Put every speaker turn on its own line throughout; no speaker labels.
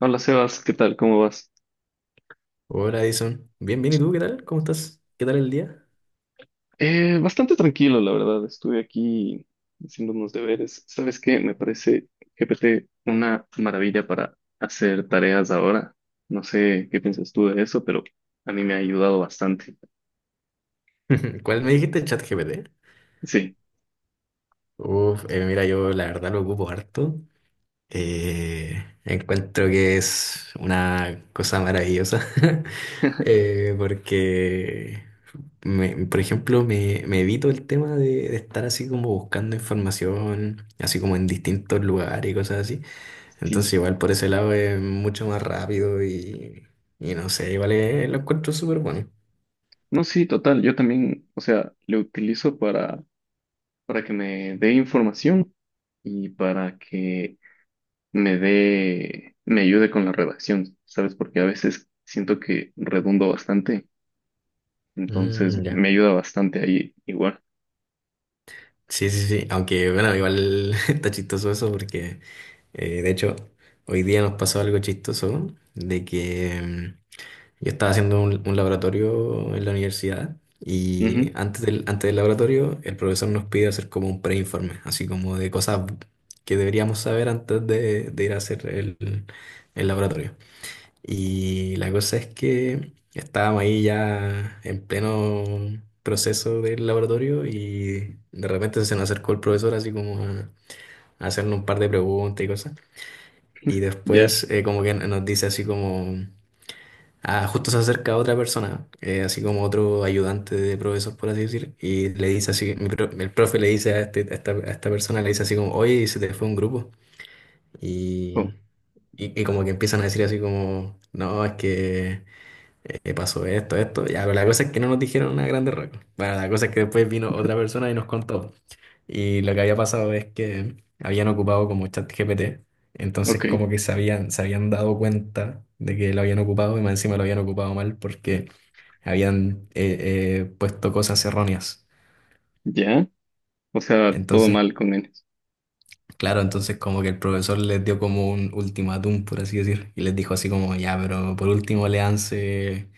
Hola Sebas, ¿qué tal? ¿Cómo vas?
Hola, Edison. Bien, bien, ¿y tú qué tal? ¿Cómo estás? ¿Qué tal el día?
Bastante tranquilo, la verdad. Estuve aquí haciendo unos deberes. ¿Sabes qué? Me parece GPT una maravilla para hacer tareas ahora. No sé qué piensas tú de eso, pero a mí me ha ayudado bastante.
¿Cuál me dijiste? ChatGPT.
Sí,
Uf, mira, yo la verdad lo ocupo harto. Eh, Encuentro que es una cosa maravillosa. Porque, por ejemplo, me evito el tema de estar así como buscando información, así como en distintos lugares y cosas así. Entonces,
sí.
igual por ese lado es mucho más rápido y no sé, lo encuentro súper bueno.
No, sí, total. Yo también, o sea, lo utilizo para que me dé información y para que me ayude con la redacción, ¿sabes? Porque a veces siento que redundo bastante. Entonces
Mm,
me
ya.
ayuda bastante ahí igual.
Sí, sí, sí. Aunque, bueno, igual está chistoso eso porque, de hecho, hoy día nos pasó algo chistoso de que yo estaba haciendo un laboratorio en la universidad y
Ujú.
antes del laboratorio el profesor nos pide hacer como un preinforme, así como de cosas que deberíamos saber de ir a hacer el laboratorio. Y la cosa es que estábamos ahí ya en pleno proceso del laboratorio y de repente se nos acercó el profesor así como a hacernos un par de preguntas y cosas. Y
Ya.
después como que nos dice así como, ah, justo se acerca otra persona, así como otro ayudante de profesor, por así decir, y le dice así, el profe le dice a, a esta persona, le dice así como, oye, se te fue un grupo.
Oh,
Y, y como que empiezan a decir así como, no, es que pasó esto, esto. Ya, pero la cosa es que no nos dijeron una grande roca. Bueno, la cosa es que después vino otra persona y nos contó. Y lo que había pasado es que habían ocupado como ChatGPT. Entonces,
ok.
como que se habían dado cuenta de que lo habían ocupado y más encima lo habían ocupado mal porque habían puesto cosas erróneas.
Ya. O sea, todo
Entonces,
mal con N.
claro, entonces como que el profesor les dio como un ultimátum, por así decir, y les dijo así como, ya, pero por último léanse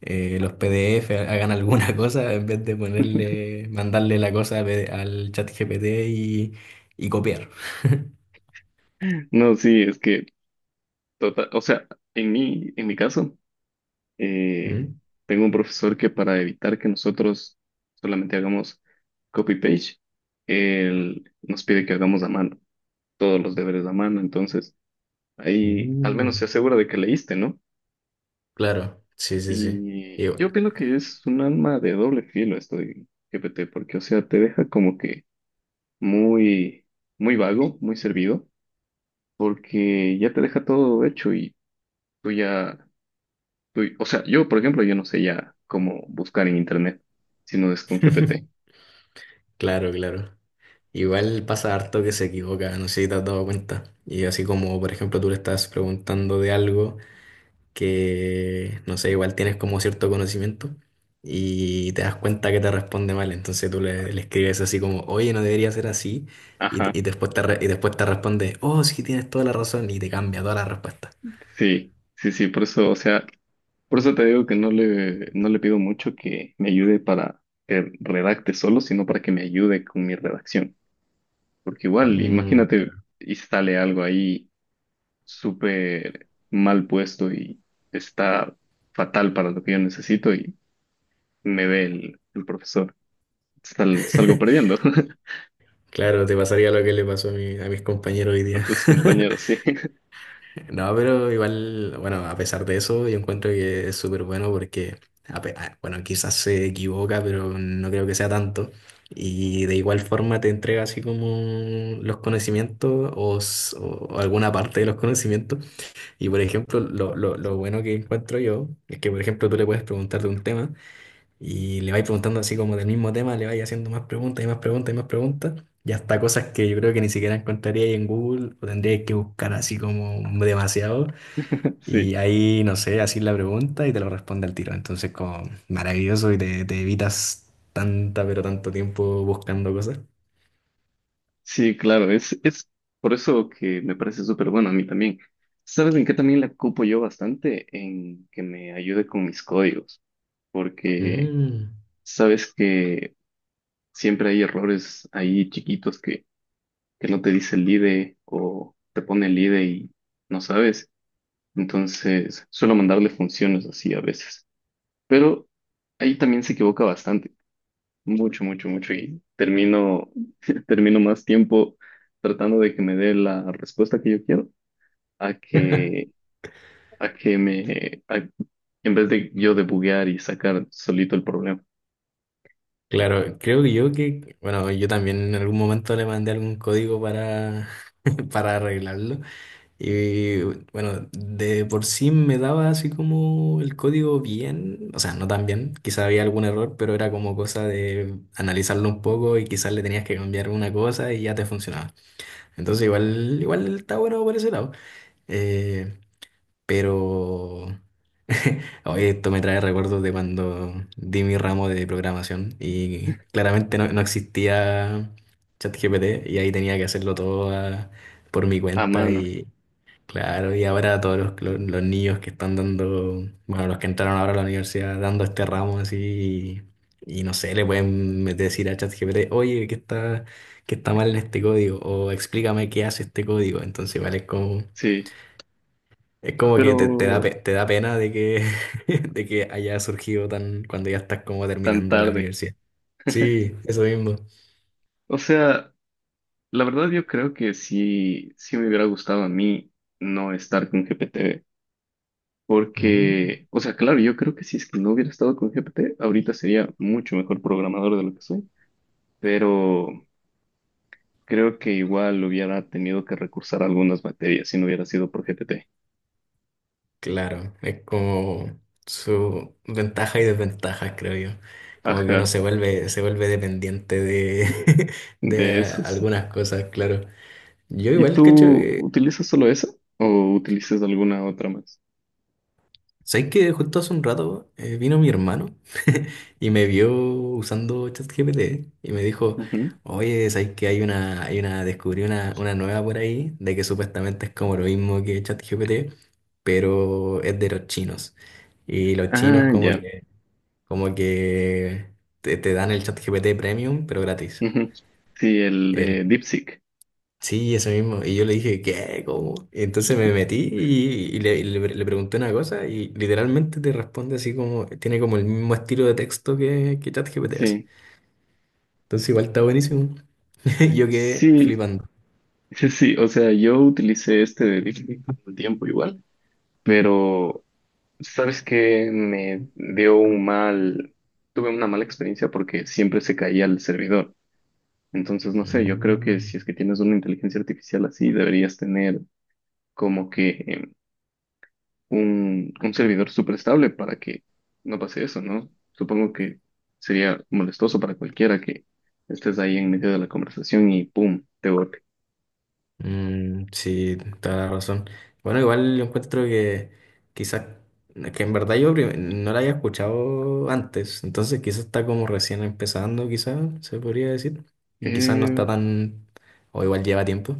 los PDF hagan alguna cosa en vez de ponerle, mandarle la cosa a al chat GPT y copiar.
No, sí, es que total, o sea, en mi caso, eh,
¿Mm?
tengo un profesor que, para evitar que nosotros solamente hagamos copy-paste, él nos pide que hagamos a mano, todos los deberes a mano. Entonces,
Uh,
ahí al menos se asegura de que leíste, ¿no?
claro, sí, sí, sí.
Y
Igual.
yo opino que es un alma de doble filo esto de GPT, porque, o sea, te deja como que muy, muy vago, muy servido, porque ya te deja todo hecho y tú ya, o sea, yo, por ejemplo, yo no sé ya cómo buscar en internet, si no es con GPT.
Claro, claro. Igual pasa harto que se equivoca, no sé si te has dado cuenta. Y así como, por ejemplo, tú le estás preguntando de algo, que, no sé, igual tienes como cierto conocimiento y te das cuenta que te responde mal. Entonces tú le escribes así como, oye, no debería ser así. Y,
Ajá,
y después te responde, oh, sí, tienes toda la razón. Y te cambia toda la respuesta.
sí, sí, sí, por eso, o sea, por eso te digo que no le pido mucho que me ayude para que redacte solo, sino para que me ayude con mi redacción, porque igual,
Mm,
imagínate y sale algo ahí súper mal puesto y está fatal para lo que yo necesito y me ve el profesor. Salgo perdiendo.
claro, te pasaría lo que le pasó a, a mis compañeros hoy
a
día.
tus compañeros, sí.
No, pero igual, bueno, a pesar de eso, yo encuentro que es súper bueno porque, bueno, quizás se equivoca, pero no creo que sea tanto. Y de igual forma te entrega así como los conocimientos o alguna parte de los conocimientos. Y por ejemplo, lo bueno que encuentro yo es que, por ejemplo, tú le puedes preguntar de un tema y le vais preguntando así como del mismo tema, le vais haciendo más preguntas y más preguntas y más preguntas. Y hasta cosas que yo creo que ni siquiera encontraría ahí en Google o tendría que buscar así como demasiado. Y
sí,
ahí, no sé, así la pregunta y te lo responde al tiro. Entonces, como maravilloso y te evitas tanta, pero tanto tiempo buscando cosas.
sí, claro, es por eso que me parece súper bueno a mí también. ¿Sabes en qué también la ocupo yo bastante? En que me ayude con mis códigos, porque
Mm.
sabes que siempre hay errores ahí chiquitos que no te dice el IDE o te pone el IDE y no sabes. Entonces, suelo mandarle funciones así a veces. Pero ahí también se equivoca bastante, mucho, mucho, mucho. Y termino, termino más tiempo tratando de que me dé la respuesta que yo quiero a que, a que me, a- en vez de yo debuguear y sacar solito el problema
Claro, creo que yo que, bueno, yo también en algún momento le mandé algún código para, para arreglarlo. Y bueno, de por sí me daba así como el código bien, o sea, no tan bien, quizá había algún error, pero era como cosa de analizarlo un poco y quizás le tenías que cambiar una cosa y ya te funcionaba. Entonces igual, igual está bueno por ese lado. Eh, pero oye, esto me trae recuerdos de cuando di mi ramo de programación y claramente no, no existía ChatGPT y ahí tenía que hacerlo todo por mi
a
cuenta
mano.
y claro, y ahora todos los niños que están dando, bueno, los que entraron ahora a la universidad dando este ramo así, y no sé, le pueden decir a ChatGPT, oye, qué está mal en este código? O explícame qué hace este código. Entonces, igual
Sí,
es como que te da,
pero
te da pena de que, de que haya surgido tan, cuando ya estás como
tan
terminando la
tarde.
universidad. Sí, eso mismo.
O sea, la verdad yo creo que sí, sí me hubiera gustado a mí no estar con GPT.
Mm.
Porque, o sea, claro, yo creo que si es que no hubiera estado con GPT, ahorita sería mucho mejor programador de lo que soy, pero creo que igual hubiera tenido que recursar a algunas materias si no hubiera sido por GPT.
Claro, es como su ventaja y desventaja, creo yo. Como que uno
Ajá,
se vuelve dependiente de, de
de esos.
algunas cosas, claro. Yo
¿Y
igual, cacho,
tú utilizas solo eso o utilizas alguna otra más?
¿sabes que justo hace un rato vino mi hermano y me vio usando ChatGPT y me dijo,
Ujú.
oye, ¿sabes que hay una, descubrí una nueva por ahí de que supuestamente es como lo mismo que ChatGPT, pero es de los chinos? Y los chinos
Ah,
como
ya.
que... Como que te dan el ChatGPT Premium, pero gratis.
Ujú. Sí, el de
El,
DeepSeek.
sí, eso mismo. Y yo le dije, ¿qué? ¿Cómo? Y entonces me metí y, le pregunté una cosa y literalmente te responde así como, tiene como el mismo estilo de texto que ChatGPT hace.
Sí,
Entonces igual está buenísimo. Yo quedé
sí,
flipando.
sí, sí. O sea, yo utilicé este de DeepSeek un tiempo igual, pero sabes que me dio un mal, tuve una mala experiencia porque siempre se caía el servidor. Entonces, no sé, yo creo que
Mm.
si es que tienes una inteligencia artificial así, deberías tener como que un servidor súper estable para que no pase eso, ¿no? Supongo que sería molestoso para cualquiera que estés ahí en medio de la conversación y ¡pum! Te bote.
Mm, sí, toda la razón. Bueno, igual yo encuentro que quizás, que en verdad yo no la había escuchado antes, entonces quizás está como recién empezando, quizás se podría decir, y quizás no
Eh,
está tan, o igual lleva tiempo,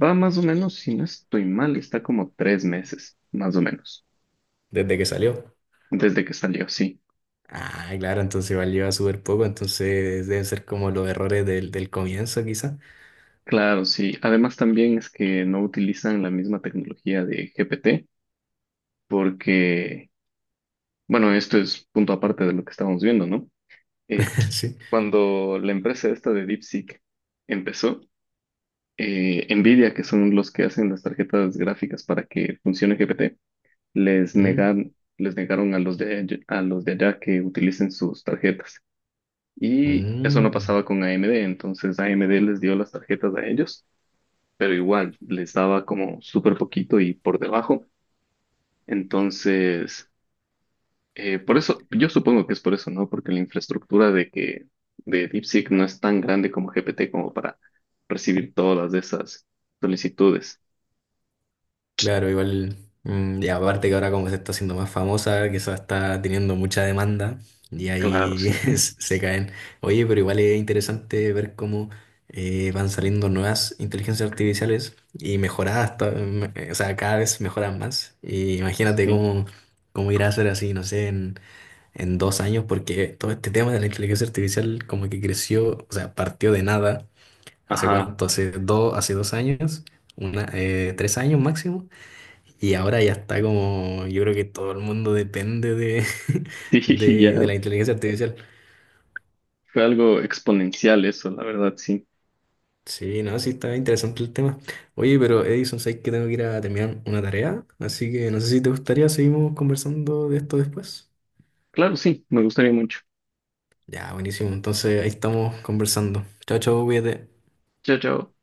va más o menos, si no estoy mal, está como 3 meses, más o menos,
desde que salió.
desde que salió, sí.
Ah, claro, entonces igual lleva súper poco, entonces deben ser como los errores del comienzo, quizás.
Claro, sí. Además también es que no utilizan la misma tecnología de GPT porque, bueno, esto es punto aparte de lo que estábamos viendo, ¿no? Eh,
Sí.
cuando la empresa esta de DeepSeek empezó, Nvidia, que son los que hacen las tarjetas gráficas para que funcione GPT, les
Mm,
negan, les negaron a los de, a los de allá que utilicen sus tarjetas. Y eso no
mm.
pasaba con AMD, entonces AMD les dio las tarjetas a ellos, pero igual les daba como súper poquito y por debajo. Entonces, por eso, yo supongo que es por eso, ¿no? Porque la infraestructura de que de DeepSeek no es tan grande como GPT como para recibir todas de esas solicitudes.
Claro, igual, mm, y aparte que ahora como se está haciendo más famosa, que eso está teniendo mucha demanda y
Claro,
ahí
sí,
se caen. Oye, pero igual es interesante ver cómo van saliendo nuevas inteligencias artificiales y mejoradas, o sea, cada vez mejoran más. Y imagínate
sí.
cómo, cómo irá a ser así, no sé, en 2 años, porque todo este tema de la inteligencia artificial como que creció, o sea, partió de nada. ¿Hace
Ajá.
cuánto? Hace 2, hace 2 años, una, 3 años máximo. Y ahora ya está como, yo creo que todo el mundo depende de,
Sí,
de
ya
la inteligencia artificial.
fue algo exponencial eso, la verdad, sí.
Sí, no, sí está interesante el tema. Oye, pero Edison, sabes que tengo que ir a terminar una tarea, así que no sé si te gustaría, seguimos conversando de esto después.
Claro, sí, me gustaría mucho.
Ya, buenísimo, entonces ahí estamos conversando. Chao, chao, cuídate.
Chao, chao.